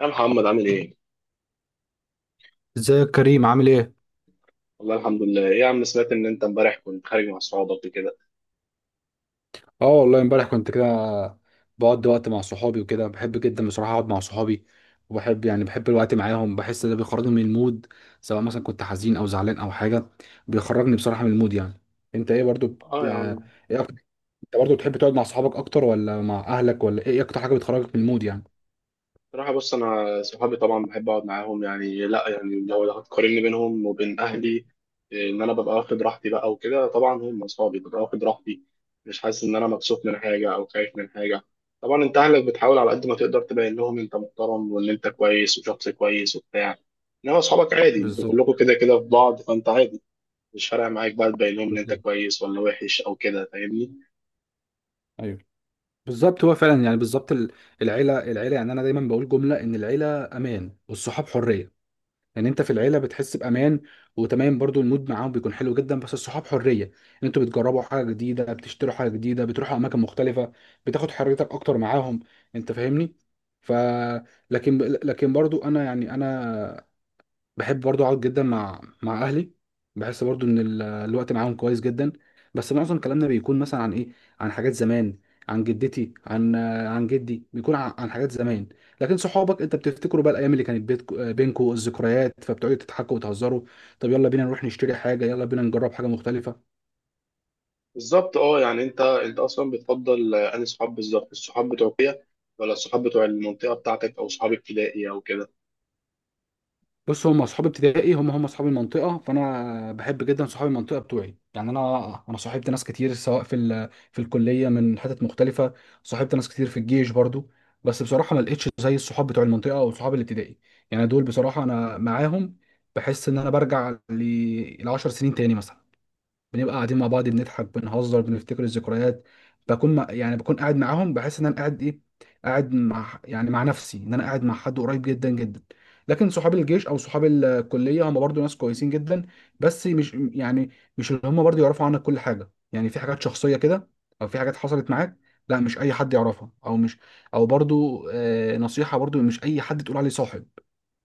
يا محمد عامل ايه؟ ازيك يا كريم؟ عامل ايه؟ والله الحمد لله، ايه يا عم، سمعت ان انت امبارح كنت خارج مع اصحابك وكده. اه والله امبارح كنت كده، بقضي وقت مع صحابي وكده. بحب جدا بصراحة اقعد مع صحابي، وبحب يعني بحب الوقت معاهم، بحس ده بيخرجني من المود، سواء مثلا كنت حزين او زعلان او حاجة. بيخرجني بصراحة من المود يعني. انت ايه برضو بت... اه يا آه، عم، ايه اكتر؟ انت برضو بتحب تقعد مع صحابك اكتر ولا مع اهلك؟ ولا ايه اكتر حاجة بتخرجك من المود يعني؟ بصراحة بص، انا صحابي طبعا بحب اقعد معاهم. يعني لا، يعني لو هتقارني بينهم وبين اهلي، إيه، ان انا ببقى واخد راحتي بقى وكده. طبعا هم اصحابي، ببقى واخد راحتي، مش حاسس ان انا مبسوط من حاجة او خايف من حاجة. طبعا انت اهلك بتحاول على قد ما تقدر تبين لهم انت محترم وان انت كويس وشخص كويس وبتاع. انما اصحابك عادي، انتوا بالظبط، كلكم كده كده في بعض، فانت عادي. مش فارقه معاك بقى تبين لهم ان انت بالظبط، كويس ولا وحش او كده، فاهمني؟ ايوه، بالظبط. هو فعلا يعني بالظبط العيلة. يعني انا دايما بقول جملة ان العيلة امان والصحاب حرية. لان انت في العيله بتحس بامان وتمام، برضو المود معاهم بيكون حلو جدا، بس الصحاب حريه، ان انتوا بتجربوا حاجه جديده، بتشتروا حاجه جديده، بتروحوا اماكن مختلفه، بتاخد حريتك اكتر معاهم. انت فاهمني؟ ف لكن برضو انا يعني انا بحب برضو اقعد جدا مع اهلي. بحس برضو ان الوقت معاهم كويس جدا، بس معظم كلامنا بيكون مثلا عن ايه؟ عن حاجات زمان، عن جدتي، عن جدي، بيكون عن حاجات زمان. لكن صحابك انت بتفتكروا بقى الايام اللي كانت بينكوا الذكريات، فبتقعدوا تضحكوا وتهزروا. طب يلا بينا نروح نشتري حاجه، يلا بينا نجرب حاجه مختلفه. بالظبط. اه يعني انت اصلا بتفضل انهي صحاب؟ بالظبط، الصحاب بتوع كده، ولا الصحاب بتوع المنطقه بتاعتك، او صحاب ابتدائي او كده؟ بص هم اصحاب ابتدائي، هم اصحاب المنطقه، فانا بحب جدا صحاب المنطقه بتوعي. يعني انا صاحبت ناس كتير، سواء في الكليه من حتت مختلفه، صاحبت ناس كتير في الجيش برضو. بس بصراحه ما لقيتش زي الصحاب بتوع المنطقه او صحاب الابتدائي. يعني دول بصراحه انا معاهم بحس ان انا برجع ل 10 سنين تاني مثلا. بنبقى قاعدين مع بعض، بنضحك، بنهزر، بنفتكر الذكريات. بكون مع يعني بكون قاعد معاهم بحس ان انا قاعد ايه، قاعد مع يعني مع نفسي، ان انا قاعد مع حد قريب جدا جدا. لكن صحاب الجيش او صحاب الكليه هم برضو ناس كويسين جدا، بس مش يعني مش اللي هم برضو يعرفوا عنك كل حاجه. يعني في حاجات شخصيه كده او في حاجات حصلت معاك، لا مش اي حد يعرفها، او مش، او برضو آه، نصيحه برضو، مش اي حد تقول عليه صاحب.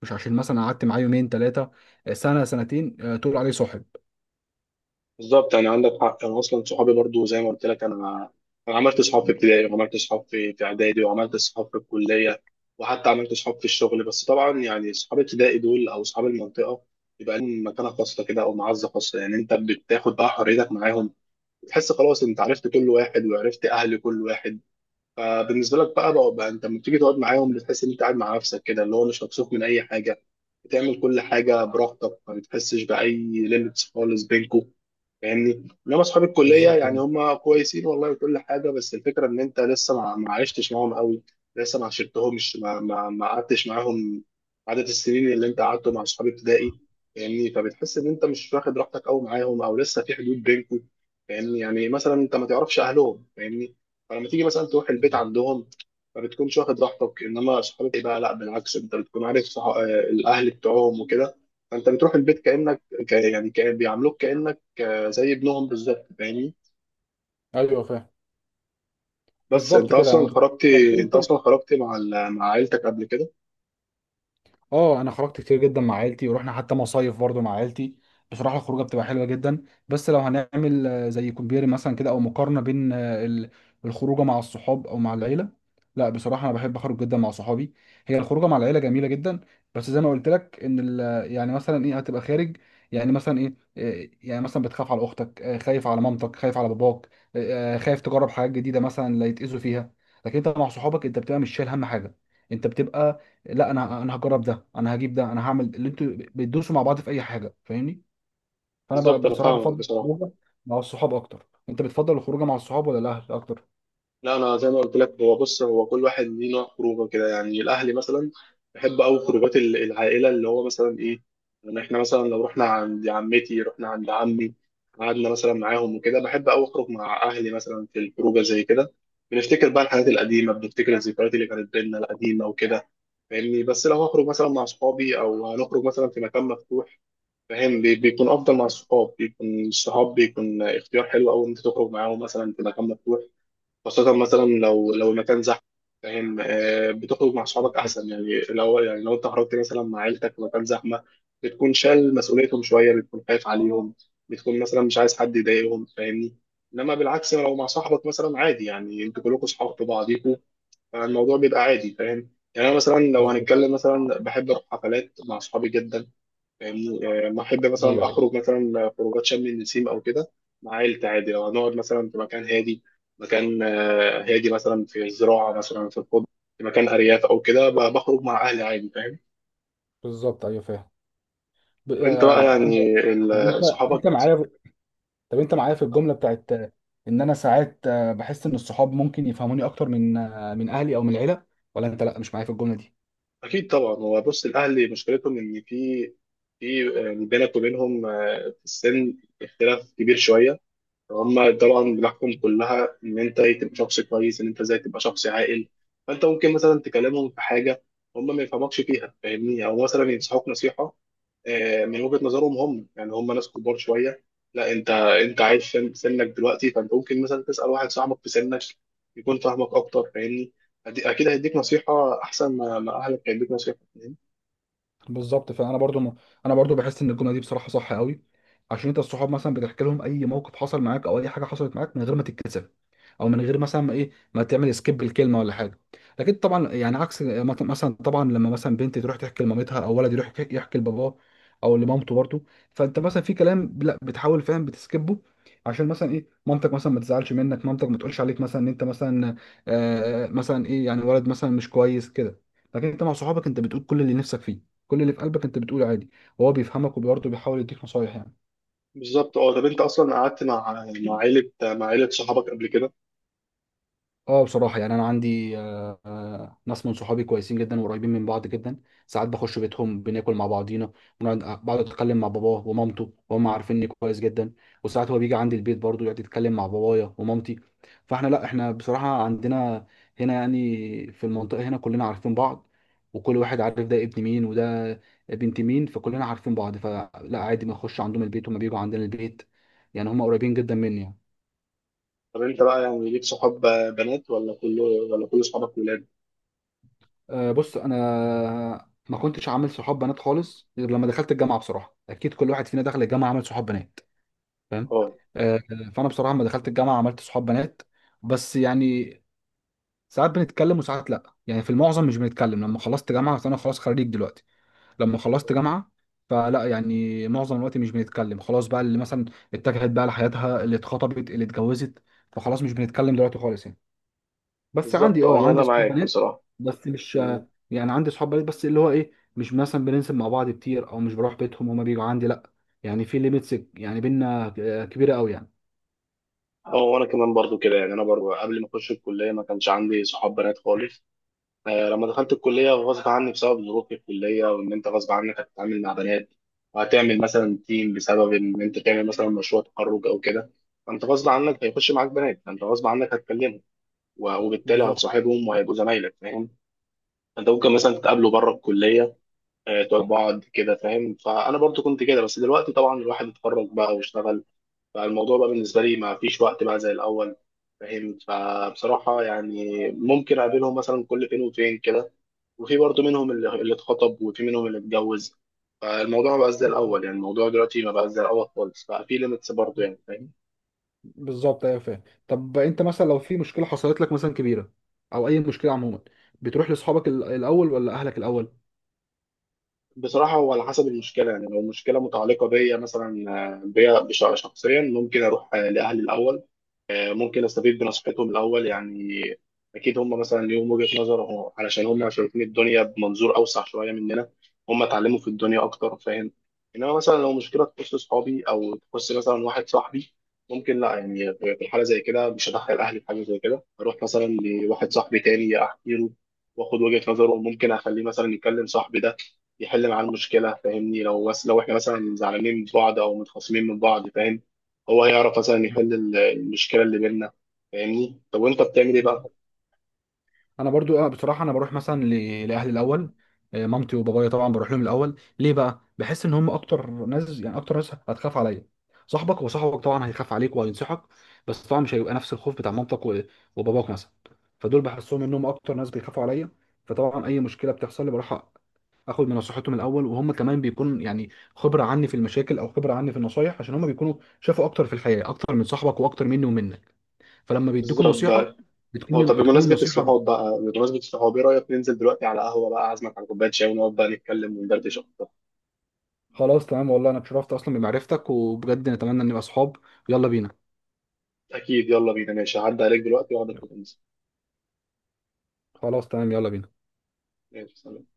مش عشان مثلا قعدت معاه يومين، ثلاثه، سنه، سنتين، تقول عليه صاحب. بالظبط، يعني عندك حق، انا اصلا صحابي برضو زي ما قلت لك. انا انا عملت صحاب في ابتدائي، وعملت صحاب في اعدادي، وعملت صحاب في الكليه، وحتى عملت صحاب في الشغل. بس طبعا يعني صحاب ابتدائي دول او صحاب المنطقه يبقى لهم مكانه خاصه كده او معزه خاصه. يعني انت بتاخد بقى حريتك معاهم، تحس خلاص انت عرفت كل واحد وعرفت اهل كل واحد. فبالنسبه لك بقى انت لما بتيجي تقعد معاهم بتحس ان انت قاعد مع نفسك كده، اللي هو مش مكسوف من اي حاجه، بتعمل كل حاجه براحتك، ما بتحسش باي ليميتس خالص بينكم، فاهمني؟ انما اصحاب الكليه بالظبط يعني كده. هم كويسين والله وكل حاجه، بس الفكره ان انت لسه ما عشتش معاهم قوي، لسه ما عشرتهمش، ما قعدتش معاهم عدد السنين اللي انت قعدته مع اصحاب ابتدائي. فاهمني؟ فبتحس ان انت مش واخد راحتك قوي معاهم، او لسه في حدود بينكم. فاهمني؟ يعني مثلا انت ما تعرفش اهلهم، فاهمني؟ فلما تيجي مثلا تروح البيت بالظبط، عندهم ما بتكونش واخد راحتك. انما اصحابك بقى، لا بالعكس، انت بتكون عارف الاهل بتوعهم وكده، فانت بتروح البيت كانك يعني كأن بيعاملوك كانك زي ابنهم بالظبط، فاهمني؟ ايوه فاهم. بس انت بالظبط كده اصلا يعني. طب خرجتي انت اصلا انت، خرجتي مع مع عيلتك قبل كده؟ اه انا خرجت كتير جدا مع عيلتي، ورحنا حتى مصايف برضو مع عيلتي. بصراحه الخروجه بتبقى حلوه جدا، بس لو هنعمل زي كومبير مثلا كده، او مقارنه بين الخروجه مع الصحاب او مع العيله، لا بصراحه انا بحب اخرج جدا مع صحابي. هي الخروجه مع العيله جميله جدا، بس زي ما قلت لك ان يعني مثلا ايه، هتبقى خارج، يعني مثلا ايه، يعني مثلا بتخاف على اختك، خايف على مامتك، خايف على باباك، خايف تجرب حاجات جديده مثلا، لا يتاذوا فيها. لكن انت مع صحابك انت بتبقى مش شايل هم حاجه. انت بتبقى لا، انا هجرب ده، انا هجيب ده، انا هعمل اللي انتوا بتدوسوا مع بعض في اي حاجه. فاهمني؟ فانا بالظبط، انا بصراحه فاهمك بفضل بصراحه. الخروجه مع الصحاب اكتر. انت بتفضل الخروجه مع الصحاب ولا الاهل اكتر؟ لا انا زي ما قلت لك، هو بص، هو كل واحد ليه نوع خروجه كده. يعني الاهلي مثلا، بحب قوي خروجات العائله، اللي هو مثلا ايه، يعني احنا مثلا لو رحنا عند عمتي، رحنا عند عمي، قعدنا مثلا معاهم وكده. بحب قوي اخرج مع اهلي مثلا في الخروجه زي كده، بنفتكر بقى الحاجات القديمه، بنفتكر الذكريات اللي كانت بينا القديمه وكده، فاهمني؟ بس لو هخرج مثلا مع اصحابي، او هنخرج مثلا في مكان مفتوح، فاهم؟ بيكون افضل مع الصحاب، بيكون الصحاب بيكون اختيار حلو قوي ان انت تخرج معاهم مثلا في مكان مفتوح، خاصه مثلا لو المكان زحمه. فاهم؟ بتخرج مع صحابك بالظبط. احسن. يعني لو انت خرجت مثلا مع عيلتك في مكان زحمه، بتكون شايل مسؤوليتهم شويه، بتكون خايف عليهم، بتكون مثلا مش عايز حد يضايقهم، فاهمني؟ انما بالعكس لو مع صاحبك، مثلا عادي، يعني انتوا كلكم صحاب في بعضيكوا، فالموضوع بيبقى عادي، فاهم؟ يعني انا مثلا لو بالظبط هنتكلم، مثلا بحب اروح حفلات مع صحابي جدا، فاهمني؟ يعني لما احب مثلا ايوه. ايوه اخرج مثلا خروجات شم النسيم او كده مع عيلتي عادي. لو هنقعد مثلا في مكان هادي، مكان هادي، مثلا في الزراعه، مثلا في الخضره، في مكان ارياف او كده، بخرج مع اهلي عادي، فاهم؟ بالظبط. ايوه فاهم. طب انت بقى انا، يعني طب ال- انت صحابك معايا، طب انت معايا في الجمله بتاعت ان انا ساعات بحس ان الصحاب ممكن يفهموني اكتر من من اهلي او من العيله، ولا انت لا مش معايا في الجمله دي؟ اكيد طبعا. هو بص، الاهل مشكلتهم ان في بينك وبينهم، في السن اختلاف كبير شويه. هما طبعا بتحكم كلها ان انت ايه، تبقى شخص كويس، ان انت ازاي تبقى شخص عاقل. فانت ممكن مثلا تكلمهم في حاجه هما ما يفهمكش فيها، فاهمني؟ او مثلا ينصحوك نصيحه من وجهه نظرهم هم، يعني هما ناس كبار شويه. لا، انت عايش في سنك دلوقتي، فانت ممكن مثلا تسال واحد صاحبك في سنك يكون فاهمك اكتر. فاهمني؟ اكيد هيديك نصيحه احسن ما اهلك هيديك نصيحه، فاهمني؟ بالظبط. فانا برضو انا برضو بحس ان الجمله دي بصراحه صح قوي، عشان انت الصحاب مثلا بتحكي لهم اي موقف حصل معاك او اي حاجه حصلت معاك من غير ما تتكسف، او من غير مثلا ما ايه، ما تعمل سكيب الكلمه ولا حاجه. لكن طبعا يعني عكس مثلا طبعا لما مثلا بنت تروح تحكي لمامتها، او ولد يروح يحكي لباباه او لمامته برضو، فانت مثلا في كلام لا بتحاول فاهم بتسكبه، عشان مثلا ايه، مامتك مثلا ما تزعلش منك، مامتك ما تقولش عليك مثلا ان انت مثلا، آه مثلا ايه، يعني ولد مثلا مش كويس كده. لكن انت مع صحابك انت بتقول كل اللي نفسك فيه، كل اللي في قلبك انت بتقوله عادي، وهو بيفهمك وبرضه بيحاول يديك نصايح يعني. بالظبط. اه طب انت اصلا قعدت مع عيله صحابك قبل كده؟ اه بصراحة، يعني أنا عندي ناس من صحابي كويسين جدا وقريبين من بعض جدا. ساعات بخش بيتهم، بناكل مع بعضينا، بنقعد آه، بقعد أتكلم مع باباه ومامته، وهم عارفيني كويس جدا. وساعات هو بيجي عندي البيت برضه يقعد يتكلم مع بابايا ومامتي. فاحنا لا، احنا بصراحة عندنا هنا يعني في المنطقة هنا كلنا عارفين بعض، وكل واحد عارف ده ابن مين وده بنت مين، فكلنا عارفين بعض. فلا، عادي ما أخش عندهم البيت، هما بيجوا عندنا البيت. يعني هما قريبين جدا مني يعني. طب انت بقى يعني ليك صحاب بنات، ولا كله، ولا كل صحابك ولاد؟ بص انا ما كنتش عامل صحاب بنات خالص غير لما دخلت الجامعه. بصراحه اكيد كل واحد فينا دخل الجامعه عمل صحاب بنات، فاهم؟ اه. آه، فانا بصراحه لما دخلت الجامعه عملت صحاب بنات. بس يعني ساعات بنتكلم وساعات لا، يعني في المعظم مش بنتكلم. لما خلصت جامعه، فانا خلاص خريج دلوقتي، لما خلصت اه. جامعه، فلا يعني معظم الوقت مش بنتكلم. خلاص بقى، اللي مثلا اتجهت بقى لحياتها، اللي اتخطبت، اللي اتجوزت، فخلاص مش بنتكلم دلوقتي خالص يعني. بس بالظبط. عندي، اه، اه انا عندي صحاب معاك بنات، بصراحه. بس مش مم. يعني. عندي صحاب بنات بس اللي هو ايه، مش مثلا بننزل مع بعض كتير، او مش بروح بيتهم، هما بيجوا عندي لا. يعني في ليميتس يعني بينا كبيره قوي يعني. اه وانا كمان برضو كده. يعني انا برضو قبل ما اخش الكليه ما كانش عندي صحاب بنات خالص. لما دخلت الكليه غصب عني بسبب ظروف الكليه، وان انت غصب عنك هتتعامل مع بنات، وهتعمل مثلا تيم بسبب ان انت تعمل مثلا مشروع تخرج او كده. فانت غصب عنك هيخش معاك بنات، فانت غصب عنك هتكلمهم، و- وبالتالي بالظبط. هتصاحبهم وهيبقوا زمايلك، فاهم؟ انت ممكن مثلا تتقابلوا بره الكليه، تقعد بعض كده، فاهم؟ فانا برضو كنت كده. بس دلوقتي طبعا الواحد اتخرج بقى واشتغل، فالموضوع بقى بالنسبه لي ما فيش وقت بقى زي الاول. فاهم؟ فبصراحه يعني ممكن اقابلهم مثلا كل فين وفين كده. وفي برضو منهم اللي اتخطب، وفي منهم اللي اتجوز. فالموضوع ما بقاش زي الاول، يعني الموضوع دلوقتي ما بقاش زي الاول خالص، بقى في ليميتس برضو يعني، فاهم؟ بالظبط ايوه فاهم. طب انت مثلا لو في مشكله حصلت لك مثلا كبيره، او اي مشكله عموما، بتروح لاصحابك الاول ولا اهلك الاول؟ بصراحه هو على حسب المشكله. يعني لو المشكله متعلقه بيا مثلا، بيا شخصيا، ممكن اروح لاهلي الاول. ممكن استفيد بنصيحتهم الاول يعني. اكيد هم مثلا ليهم وجهة نظر، علشان هم شايفين الدنيا بمنظور اوسع شويه مننا، هم اتعلموا في الدنيا اكتر، فاهم؟ انما مثلا لو مشكله تخص صحابي، او تخص مثلا واحد صاحبي، ممكن لا، يعني في الحاله زي كده مش هدخل اهلي في حاجه زي كده. اروح مثلا لواحد صاحبي تاني احكي له، واخد وجهة نظره، وممكن اخليه مثلا يكلم صاحبي ده يحل معاه المشكله، فاهمني؟ لو احنا مثلا زعلانين من بعض، او متخاصمين من بعض، فاهم؟ هو هيعرف مثلا يحل المشكله اللي بيننا. فاهمني؟ طب وانت بتعمل ايه بقى؟ بالظبط. انا برضو بصراحه انا بروح مثلا لاهلي الاول. مامتي وبابايا طبعا بروح لهم الاول. ليه بقى؟ بحس ان هم اكتر ناس، يعني اكتر ناس هتخاف عليا. صاحبك وصاحبك طبعا هيخاف عليك وهينصحك، بس طبعا مش هيبقى نفس الخوف بتاع مامتك وباباك مثلا. فدول بحسهم انهم اكتر ناس بيخافوا عليا. فطبعا اي مشكله بتحصل لي بروح اخد من نصيحتهم الاول، وهم كمان بيكون يعني خبره عني في المشاكل او خبره عني في النصايح، عشان هم بيكونوا شافوا اكتر في الحياه، اكتر من صاحبك واكتر مني ومنك، فلما بيدوك بالظبط النصيحه بقى. هو طب، بتكون بمناسبه النصيحة. الصحاب بقى، بمناسبه الصحاب، ايه رايك ننزل دلوقتي على قهوه بقى، اعزمك على كوبايه شاي ونقعد بقى نتكلم وندردش اكتر؟ خلاص تمام، والله انا اتشرفت اصلا بمعرفتك، وبجد نتمنى ان نبقى صحاب. يلا بينا. اكيد يلا بينا. ماشي، هعدي عليك دلوقتي واقعد. يلا. خلاص تمام، يلا بينا. ماشي، سلام.